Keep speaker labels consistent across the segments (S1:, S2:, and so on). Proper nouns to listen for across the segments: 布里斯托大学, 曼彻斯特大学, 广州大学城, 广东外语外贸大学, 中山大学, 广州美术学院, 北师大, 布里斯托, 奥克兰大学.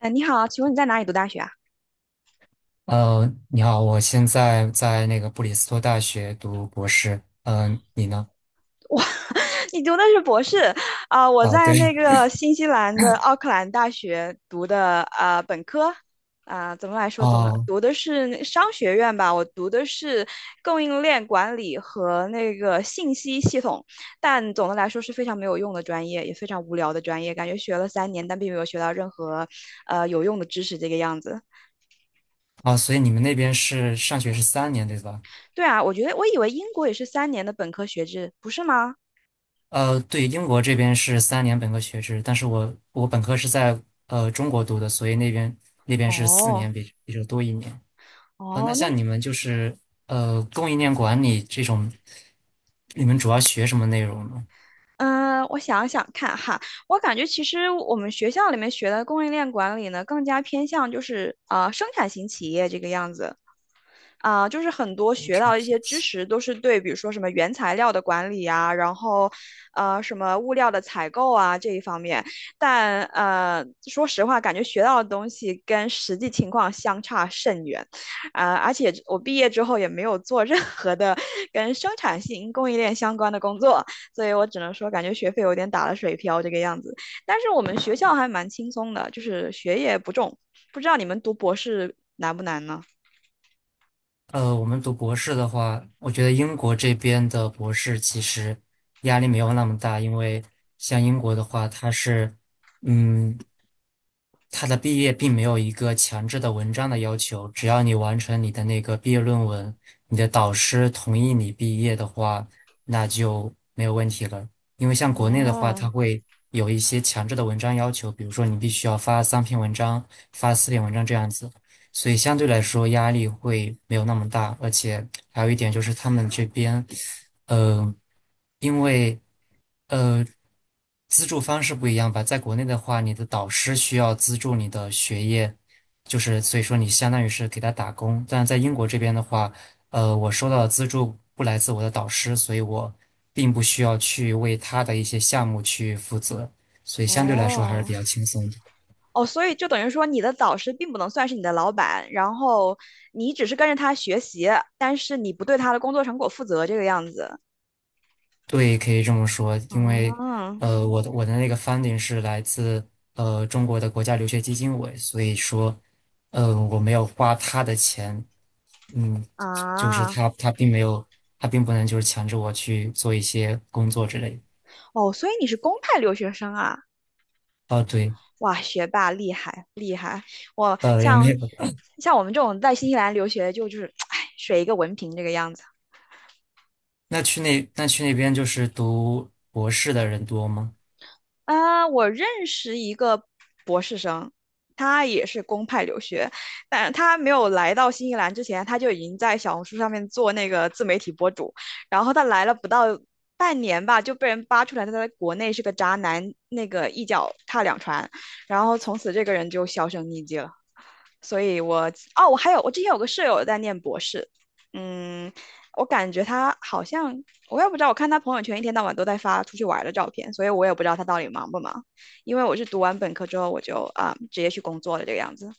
S1: 哎，你好，请问你在哪里读大学啊？
S2: 你好，我现在在那个布里斯托大学读博士。嗯、你呢？
S1: 你读的是博士啊，我
S2: 啊，
S1: 在那
S2: 对。
S1: 个新西兰的奥克兰大学读的本科啊，怎么来说，总的
S2: 哦。
S1: 读的是那商学院吧，我读的是供应链管理和那个信息系统，但总的来说是非常没有用的专业，也非常无聊的专业，感觉学了三年，但并没有学到任何有用的知识这个样子。
S2: 啊，所以你们那边是上学是三年，对吧？
S1: 对啊，我觉得我以为英国也是三年的本科学制，不是吗？
S2: 对，英国这边是三年本科学制，但是我本科是在中国读的，所以那边是四
S1: 哦。
S2: 年比这多一年。那
S1: 哦，那
S2: 像你们就是供应链管理这种，你们主要学什么内容呢？
S1: 嗯，我想想看哈，我感觉其实我们学校里面学的供应链管理呢，更加偏向就是啊、生产型企业这个样子。啊，就是很多
S2: 工
S1: 学
S2: 程
S1: 到一
S2: 体
S1: 些知
S2: 系。
S1: 识都是对，比如说什么原材料的管理啊，然后，什么物料的采购啊这一方面，但说实话，感觉学到的东西跟实际情况相差甚远，啊、而且我毕业之后也没有做任何的跟生产性供应链相关的工作，所以我只能说，感觉学费有点打了水漂这个样子。但是我们学校还蛮轻松的，就是学业不重，不知道你们读博士难不难呢？
S2: 我们读博士的话，我觉得英国这边的博士其实压力没有那么大，因为像英国的话，它是，嗯，它的毕业并没有一个强制的文章的要求，只要你完成你的那个毕业论文，你的导师同意你毕业的话，那就没有问题了。因为像国内的话，
S1: 哦，
S2: 它会有一些强制的文章要求，比如说你必须要发3篇文章、发4篇文章这样子。所以相对来说压力会没有那么大，而且还有一点就是他们这边，呃，因为呃资助方式不一样吧，在国内的话，你的导师需要资助你的学业，就是所以说你相当于是给他打工，但在英国这边的话，我收到的资助不来自我的导师，所以我并不需要去为他的一些项目去负责，所以相对来说还是比
S1: 哦
S2: 较轻松的。
S1: 哦，所以就等于说，你的导师并不能算是你的老板，然后你只是跟着他学习，但是你不对他的工作成果负责，这个样子。
S2: 对，可以这么说，因为
S1: 啊
S2: 我的那个 funding 是来自中国的国家留学基金委，所以说，我没有花他的钱。嗯，就是
S1: 啊
S2: 他并没有，他并不能就是强制我去做一些工作之类的。
S1: 哦，所以你是公派留学生啊！
S2: 哦，对。
S1: 哇，学霸厉害厉害！我
S2: 也没
S1: 像
S2: 有。
S1: 像我们这种在新西兰留学，就是，哎，水一个文凭这个样子。
S2: 那去那边就是读博士的人多吗？
S1: 啊，我认识一个博士生，他也是公派留学，但他没有来到新西兰之前，他就已经在小红书上面做那个自媒体博主，然后他来了不到半年吧，就被人扒出来他在国内是个渣男，那个一脚踏两船，然后从此这个人就销声匿迹了。所以我哦，我还有我之前有个舍友在念博士，嗯，我感觉他好像，我也不知道，我看他朋友圈一天到晚都在发出去玩的照片，所以我也不知道他到底忙不忙。因为我是读完本科之后我就啊、直接去工作了这个样子。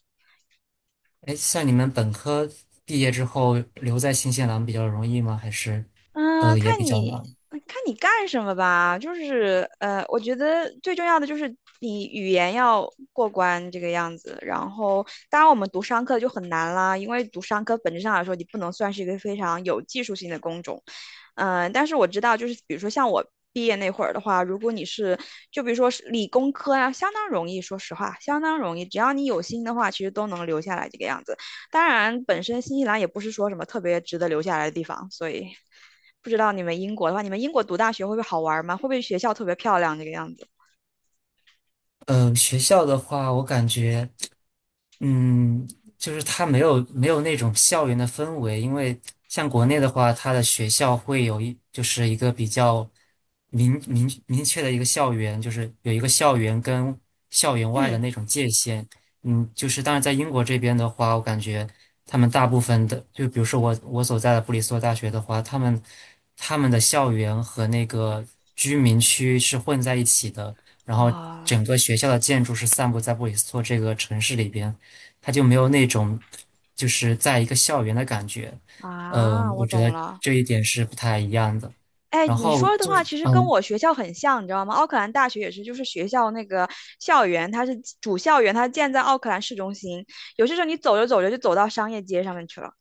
S2: 哎，像你们本科毕业之后留在新西兰比较容易吗？还是
S1: 嗯，
S2: 也
S1: 看
S2: 比较
S1: 你
S2: 难？
S1: 看你干什么吧，就是我觉得最重要的就是你语言要过关这个样子。然后，当然我们读商科就很难啦，因为读商科本质上来说，你不能算是一个非常有技术性的工种。但是我知道，就是比如说像我毕业那会儿的话，如果你是就比如说是理工科啊，相当容易，说实话，相当容易，只要你有心的话，其实都能留下来这个样子。当然，本身新西兰也不是说什么特别值得留下来的地方，所以不知道你们英国的话，你们英国读大学会不会好玩吗？会不会学校特别漂亮这个样子？
S2: 学校的话，我感觉。嗯，就是它没有那种校园的氛围，因为像国内的话，它的学校会有就是一个比较明确的一个校园，就是有一个校园跟校园外的
S1: 嗯，
S2: 那种界限。就是当然在英国这边的话，我感觉他们大部分的，就比如说我所在的布里斯托大学的话，他们的校园和那个居民区是混在一起的，然后
S1: 啊
S2: 整个学校的建筑是散布在布里斯托这个城市里边。它就没有那种就是在一个校园的感觉。
S1: 啊，我
S2: 我觉
S1: 懂
S2: 得
S1: 了。
S2: 这一点是不太一样的。
S1: 哎，
S2: 然
S1: 你
S2: 后
S1: 说的
S2: 就
S1: 话
S2: 是，
S1: 其实跟我学校很像，你知道吗？奥克兰大学也是，就是学校那个校园，它是主校园，它建在奥克兰市中心。有些时候你走着走着就走到商业街上面去了。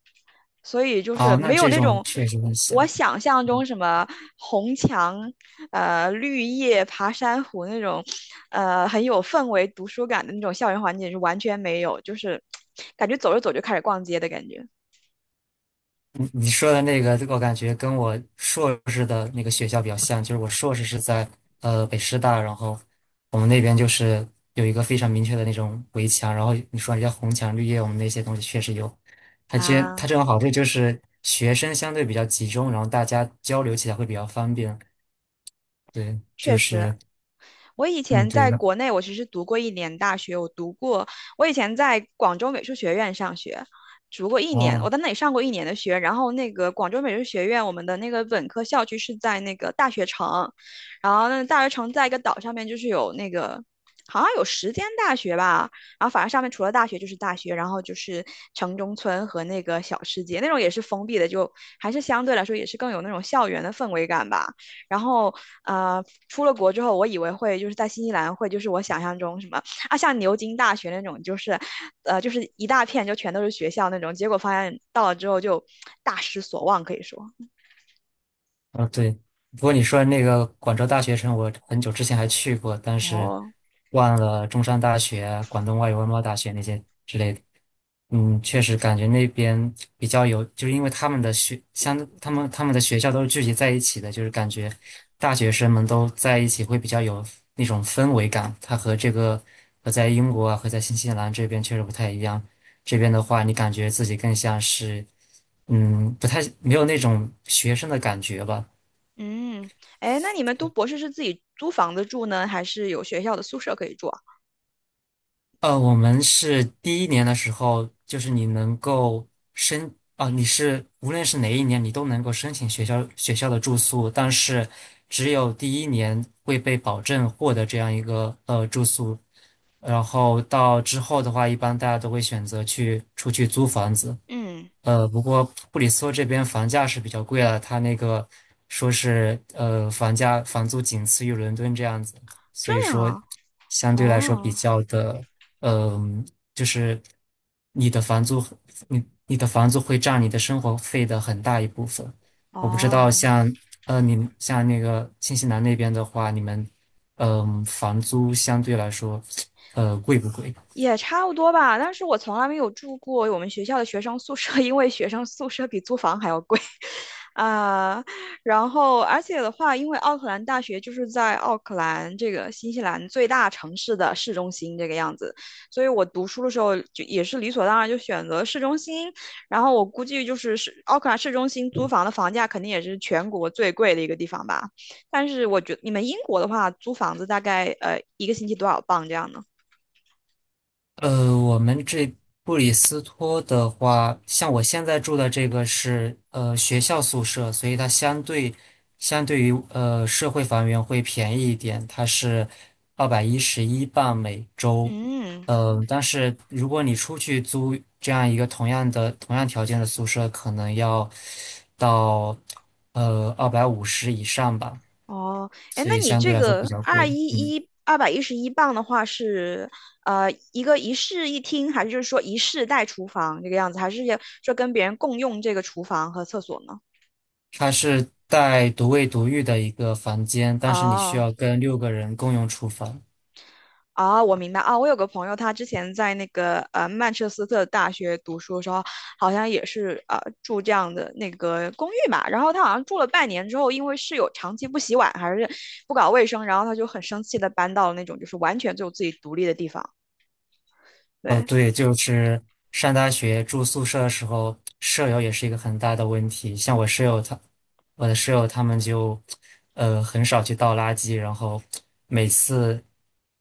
S1: 所以就是
S2: 哦，那
S1: 没有
S2: 这
S1: 那
S2: 种
S1: 种
S2: 确实很
S1: 我
S2: 像。
S1: 想象中什么红墙、绿叶、爬山虎那种，很有氛围、读书感的那种校园环境是完全没有，就是感觉走着走着就开始逛街的感觉
S2: 你说的那个，我感觉跟我硕士的那个学校比较像，就是我硕士是在北师大，然后我们那边就是有一个非常明确的那种围墙，然后你说人家红墙绿叶，我们那些东西确实有。它
S1: 啊，
S2: 这种好处就是学生相对比较集中，然后大家交流起来会比较方便。对，
S1: 确
S2: 就
S1: 实
S2: 是，
S1: 我以
S2: 嗯，
S1: 前
S2: 对
S1: 在
S2: 的。
S1: 国内，我其实读过一年大学，我读过，我以前在广州美术学院上学，读过一年，我
S2: 哦，
S1: 在那里上过一年的学。然后那个广州美术学院，我们的那个本科校区是在那个大学城，然后那个大学城在一个岛上面，就是有那个。好像有10间大学吧，然后反正上面除了大学就是大学，然后就是城中村和那个小世界，那种也是封闭的，就还是相对来说也是更有那种校园的氛围感吧。然后出了国之后，我以为会就是在新西兰会就是我想象中什么啊，像牛津大学那种，就是就是一大片就全都是学校那种。结果发现到了之后就大失所望，可以说。
S2: 哦，对。不过你说的那个广州大学城，我很久之前还去过，但是
S1: 哦，
S2: 忘了中山大学、广东外语外贸大学那些之类的。确实感觉那边比较有，就是因为他们的学校都是聚集在一起的，就是感觉大学生们都在一起会比较有那种氛围感。它和这个和在英国啊，和在新西兰这边确实不太一样。这边的话，你感觉自己更像是。不太没有那种学生的感觉吧。
S1: 嗯，哎，那你们读博士是自己租房子住呢，还是有学校的宿舍可以住啊？
S2: 我们是第一年的时候，就是你能够你是无论是哪一年，你都能够申请学校的住宿，但是只有第一年会被保证获得这样一个住宿，然后到之后的话，一般大家都会选择去出去租房子。
S1: 嗯，
S2: 不过布里斯托这边房价是比较贵了，它那个说是房租仅次于伦敦这样子，
S1: 这
S2: 所以
S1: 样
S2: 说
S1: 啊，
S2: 相对来说比
S1: 哦。
S2: 较的。嗯、就是你的房租，你的房租会占你的生活费的很大一部分。我不知道
S1: 哦，
S2: 像你们像那个新西兰那边的话，你们房租相对来说贵不贵？
S1: 也差不多吧，但是我从来没有住过我们学校的学生宿舍，因为学生宿舍比租房还要贵 啊。然后，而且的话，因为奥克兰大学就是在奥克兰这个新西兰最大城市的市中心这个样子，所以我读书的时候就也是理所当然就选择市中心。然后我估计就是市奥克兰市中心租房的房价肯定也是全国最贵的一个地方吧。但是我觉得你们英国的话，租房子大概一个星期多少磅这样呢？
S2: 我们这布里斯托的话，像我现在住的这个是学校宿舍，所以它相对于社会房源会便宜一点，它是211镑每周。
S1: 嗯，
S2: 但是如果你出去租这样一个同样条件的宿舍，可能要到250以上吧，
S1: 哦，哎，
S2: 所
S1: 那
S2: 以
S1: 你
S2: 相对
S1: 这
S2: 来说比
S1: 个
S2: 较贵。嗯。
S1: 211磅的话是，一个一室一厅，还是就是说一室带厨房这个样子，还是要说跟别人共用这个厨房和厕所呢？
S2: 它是带独卫独浴的一个房间，但是你需
S1: 哦，
S2: 要跟6个人共用厨房。
S1: 哦，我明白啊，我有个朋友，他之前在那个曼彻斯特大学读书的时候，好像也是住这样的那个公寓嘛，然后他好像住了半年之后，因为室友长期不洗碗还是不搞卫生，然后他就很生气的搬到了那种就是完全就自己独立的地方，
S2: 哦，
S1: 对。
S2: 对，就是上大学住宿舍的时候，舍友也是一个很大的问题。像我舍友他，我的室友他们就，很少去倒垃圾，然后每次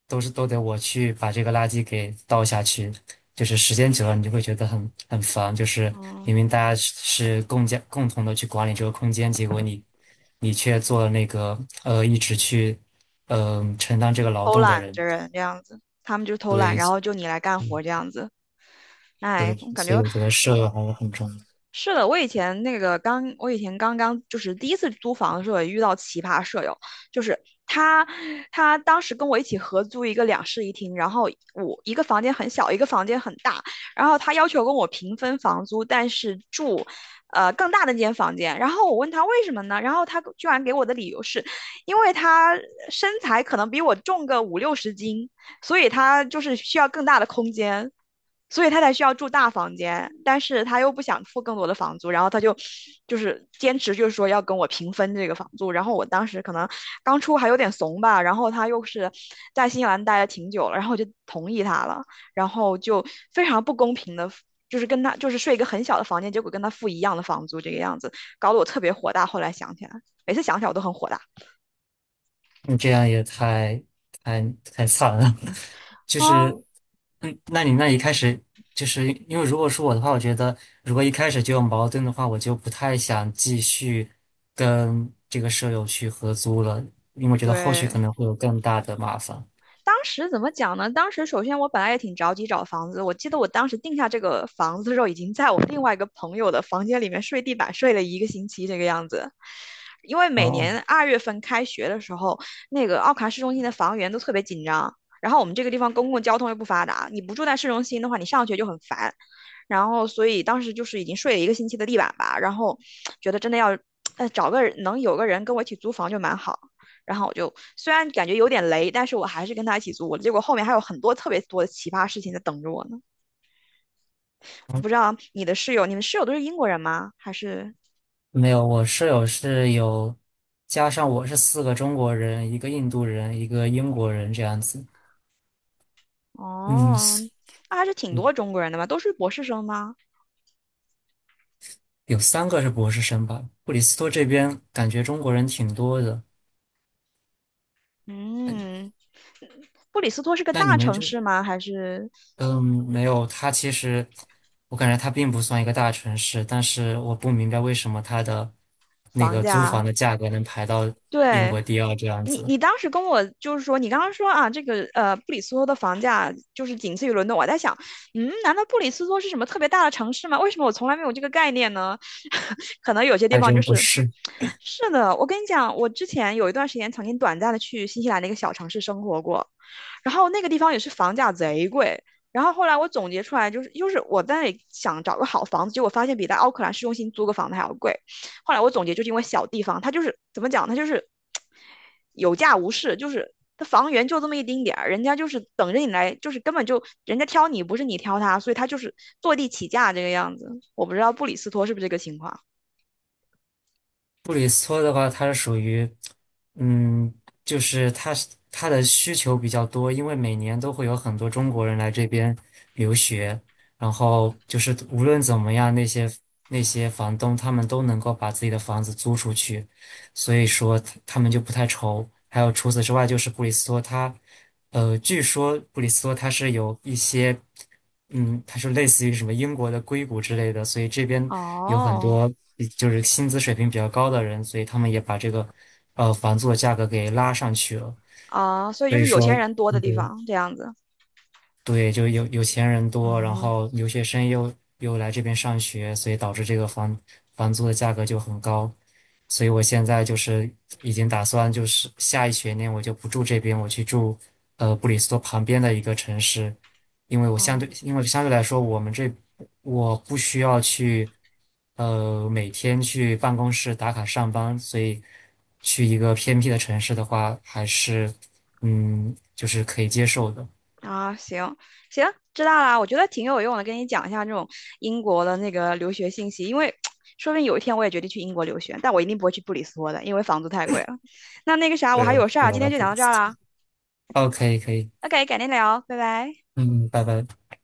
S2: 都得我去把这个垃圾给倒下去。就是时间久了，你就会觉得很烦。就是
S1: 嗯，
S2: 明明大家是共同的去管理这个空间，结果你却做了那个一直去承担这个劳
S1: 偷
S2: 动的
S1: 懒
S2: 人。
S1: 的人这样子，他们就偷懒，
S2: 对。
S1: 然后就你来干
S2: 嗯
S1: 活这样子。哎，
S2: 对，
S1: 我感
S2: 所以
S1: 觉
S2: 我觉得舍友还是很重要。
S1: 是的，我以前刚刚就是第一次租房的时候也遇到奇葩舍友，就是他，他当时跟我一起合租一个两室一厅，然后我一个房间很小，一个房间很大，然后他要求跟我平分房租，但是住，更大的那间房间，然后我问他为什么呢？然后他居然给我的理由是，因为他身材可能比我重个五六十斤，所以他就是需要更大的空间。所以他才需要住大房间，但是他又不想付更多的房租，然后他就是坚持，就是说要跟我平分这个房租。然后我当时可能刚出还有点怂吧，然后他又是在新西兰待了挺久了，然后我就同意他了，然后就非常不公平的，就是跟他就是睡一个很小的房间，结果跟他付一样的房租，这个样子搞得我特别火大。后来想起来，每次想起来我都很火大。
S2: 你这样也太太惨了，就是
S1: 啊，
S2: 那一开始就是因为如果是我的话，我觉得如果一开始就有矛盾的话，我就不太想继续跟这个舍友去合租了，因为我觉得后续可
S1: 对，
S2: 能会有更大的麻烦。
S1: 当时怎么讲呢？当时首先我本来也挺着急找房子，我记得我当时定下这个房子的时候，已经在我另外一个朋友的房间里面睡地板睡了一个星期这个样子。因为每
S2: 哦。
S1: 年2月份开学的时候，那个奥卡市中心的房源都特别紧张，然后我们这个地方公共交通又不发达，你不住在市中心的话，你上学就很烦。然后所以当时就是已经睡了一个星期的地板吧，然后觉得真的要，找个能有个人跟我一起租房就蛮好然后我就虽然感觉有点雷，但是我还是跟他一起租。结果后面还有很多特别多的奇葩事情在等着我呢。不知道你的室友，你们室友都是英国人吗？
S2: 没有，我室友是有，加上我是4个中国人，一个印度人，一个英国人这样子。嗯，
S1: 哦，
S2: 四
S1: 那还是挺
S2: 嗯
S1: 多中国人的嘛，都是博士生吗？
S2: 有3个是博士生吧。布里斯托这边感觉中国人挺多的。
S1: 嗯，布里斯托是个
S2: 那你
S1: 大
S2: 们
S1: 城
S2: 就，
S1: 市吗？还是
S2: 嗯，没有，他其实我感觉他并不算一个大城市，但是我不明白为什么他的那
S1: 房
S2: 个租
S1: 价？
S2: 房的价格能排到英
S1: 对，
S2: 国第二这样
S1: 你
S2: 子，
S1: 你当时跟我就是说，你刚刚说啊，这个布里斯托的房价就是仅次于伦敦。我在想，难道布里斯托是什么特别大的城市吗？为什么我从来没有这个概念呢？可能有些地
S2: 还
S1: 方就
S2: 真不
S1: 是，
S2: 是。
S1: 是的。我跟你讲，我之前有一段时间曾经短暂的去新西兰的一个小城市生活过，然后那个地方也是房价贼贵。然后后来我总结出来，就是我在想找个好房子，结果发现比在奥克兰市中心租个房子还要贵。后来我总结，就是因为小地方，它就是怎么讲，它就是有价无市，就是它房源就这么一丁点儿，人家就是等着你来，就是根本就人家挑你，不是你挑他，所以他就是坐地起价这个样子。我不知道布里斯托是不是这个情况。
S2: 布里斯托的话，它是属于，嗯，就是它的需求比较多，因为每年都会有很多中国人来这边留学，然后就是无论怎么样，那些房东他们都能够把自己的房子租出去，所以说他们就不太愁。还有除此之外，就是布里斯托它，据说布里斯托它是有一些。它是类似于什么英国的硅谷之类的，所以这边有很
S1: 哦，
S2: 多就是薪资水平比较高的人，所以他们也把这个房租的价格给拉上去了。
S1: 啊，所以
S2: 所
S1: 就
S2: 以
S1: 是有
S2: 说，
S1: 钱人多的地
S2: 对。
S1: 方这样子。
S2: 对，就有钱人多，然
S1: 嗯，
S2: 后留学生又来这边上学，所以导致这个房租的价格就很高。所以我现在就是已经打算，就是下一学年我就不住这边，我去住布里斯托旁边的一个城市，因为
S1: 哦。
S2: 相对来说，我们这我不需要去每天去办公室打卡上班，所以去一个偏僻的城市的话，还是就是可以接受的。
S1: 啊，行行，知道啦。我觉得挺有用的，跟你讲一下这种英国的那个留学信息，因为 说不定有一天我也决定去英国留学，但我一定不会去布里斯托的，因为房租太贵了。那那个啥，我还
S2: 对，
S1: 有事儿啊，
S2: 老
S1: 今
S2: 大
S1: 天就
S2: 不
S1: 讲到这儿啦，
S2: ，OK，可以，
S1: OK，改天聊，拜拜。
S2: 嗯，拜拜。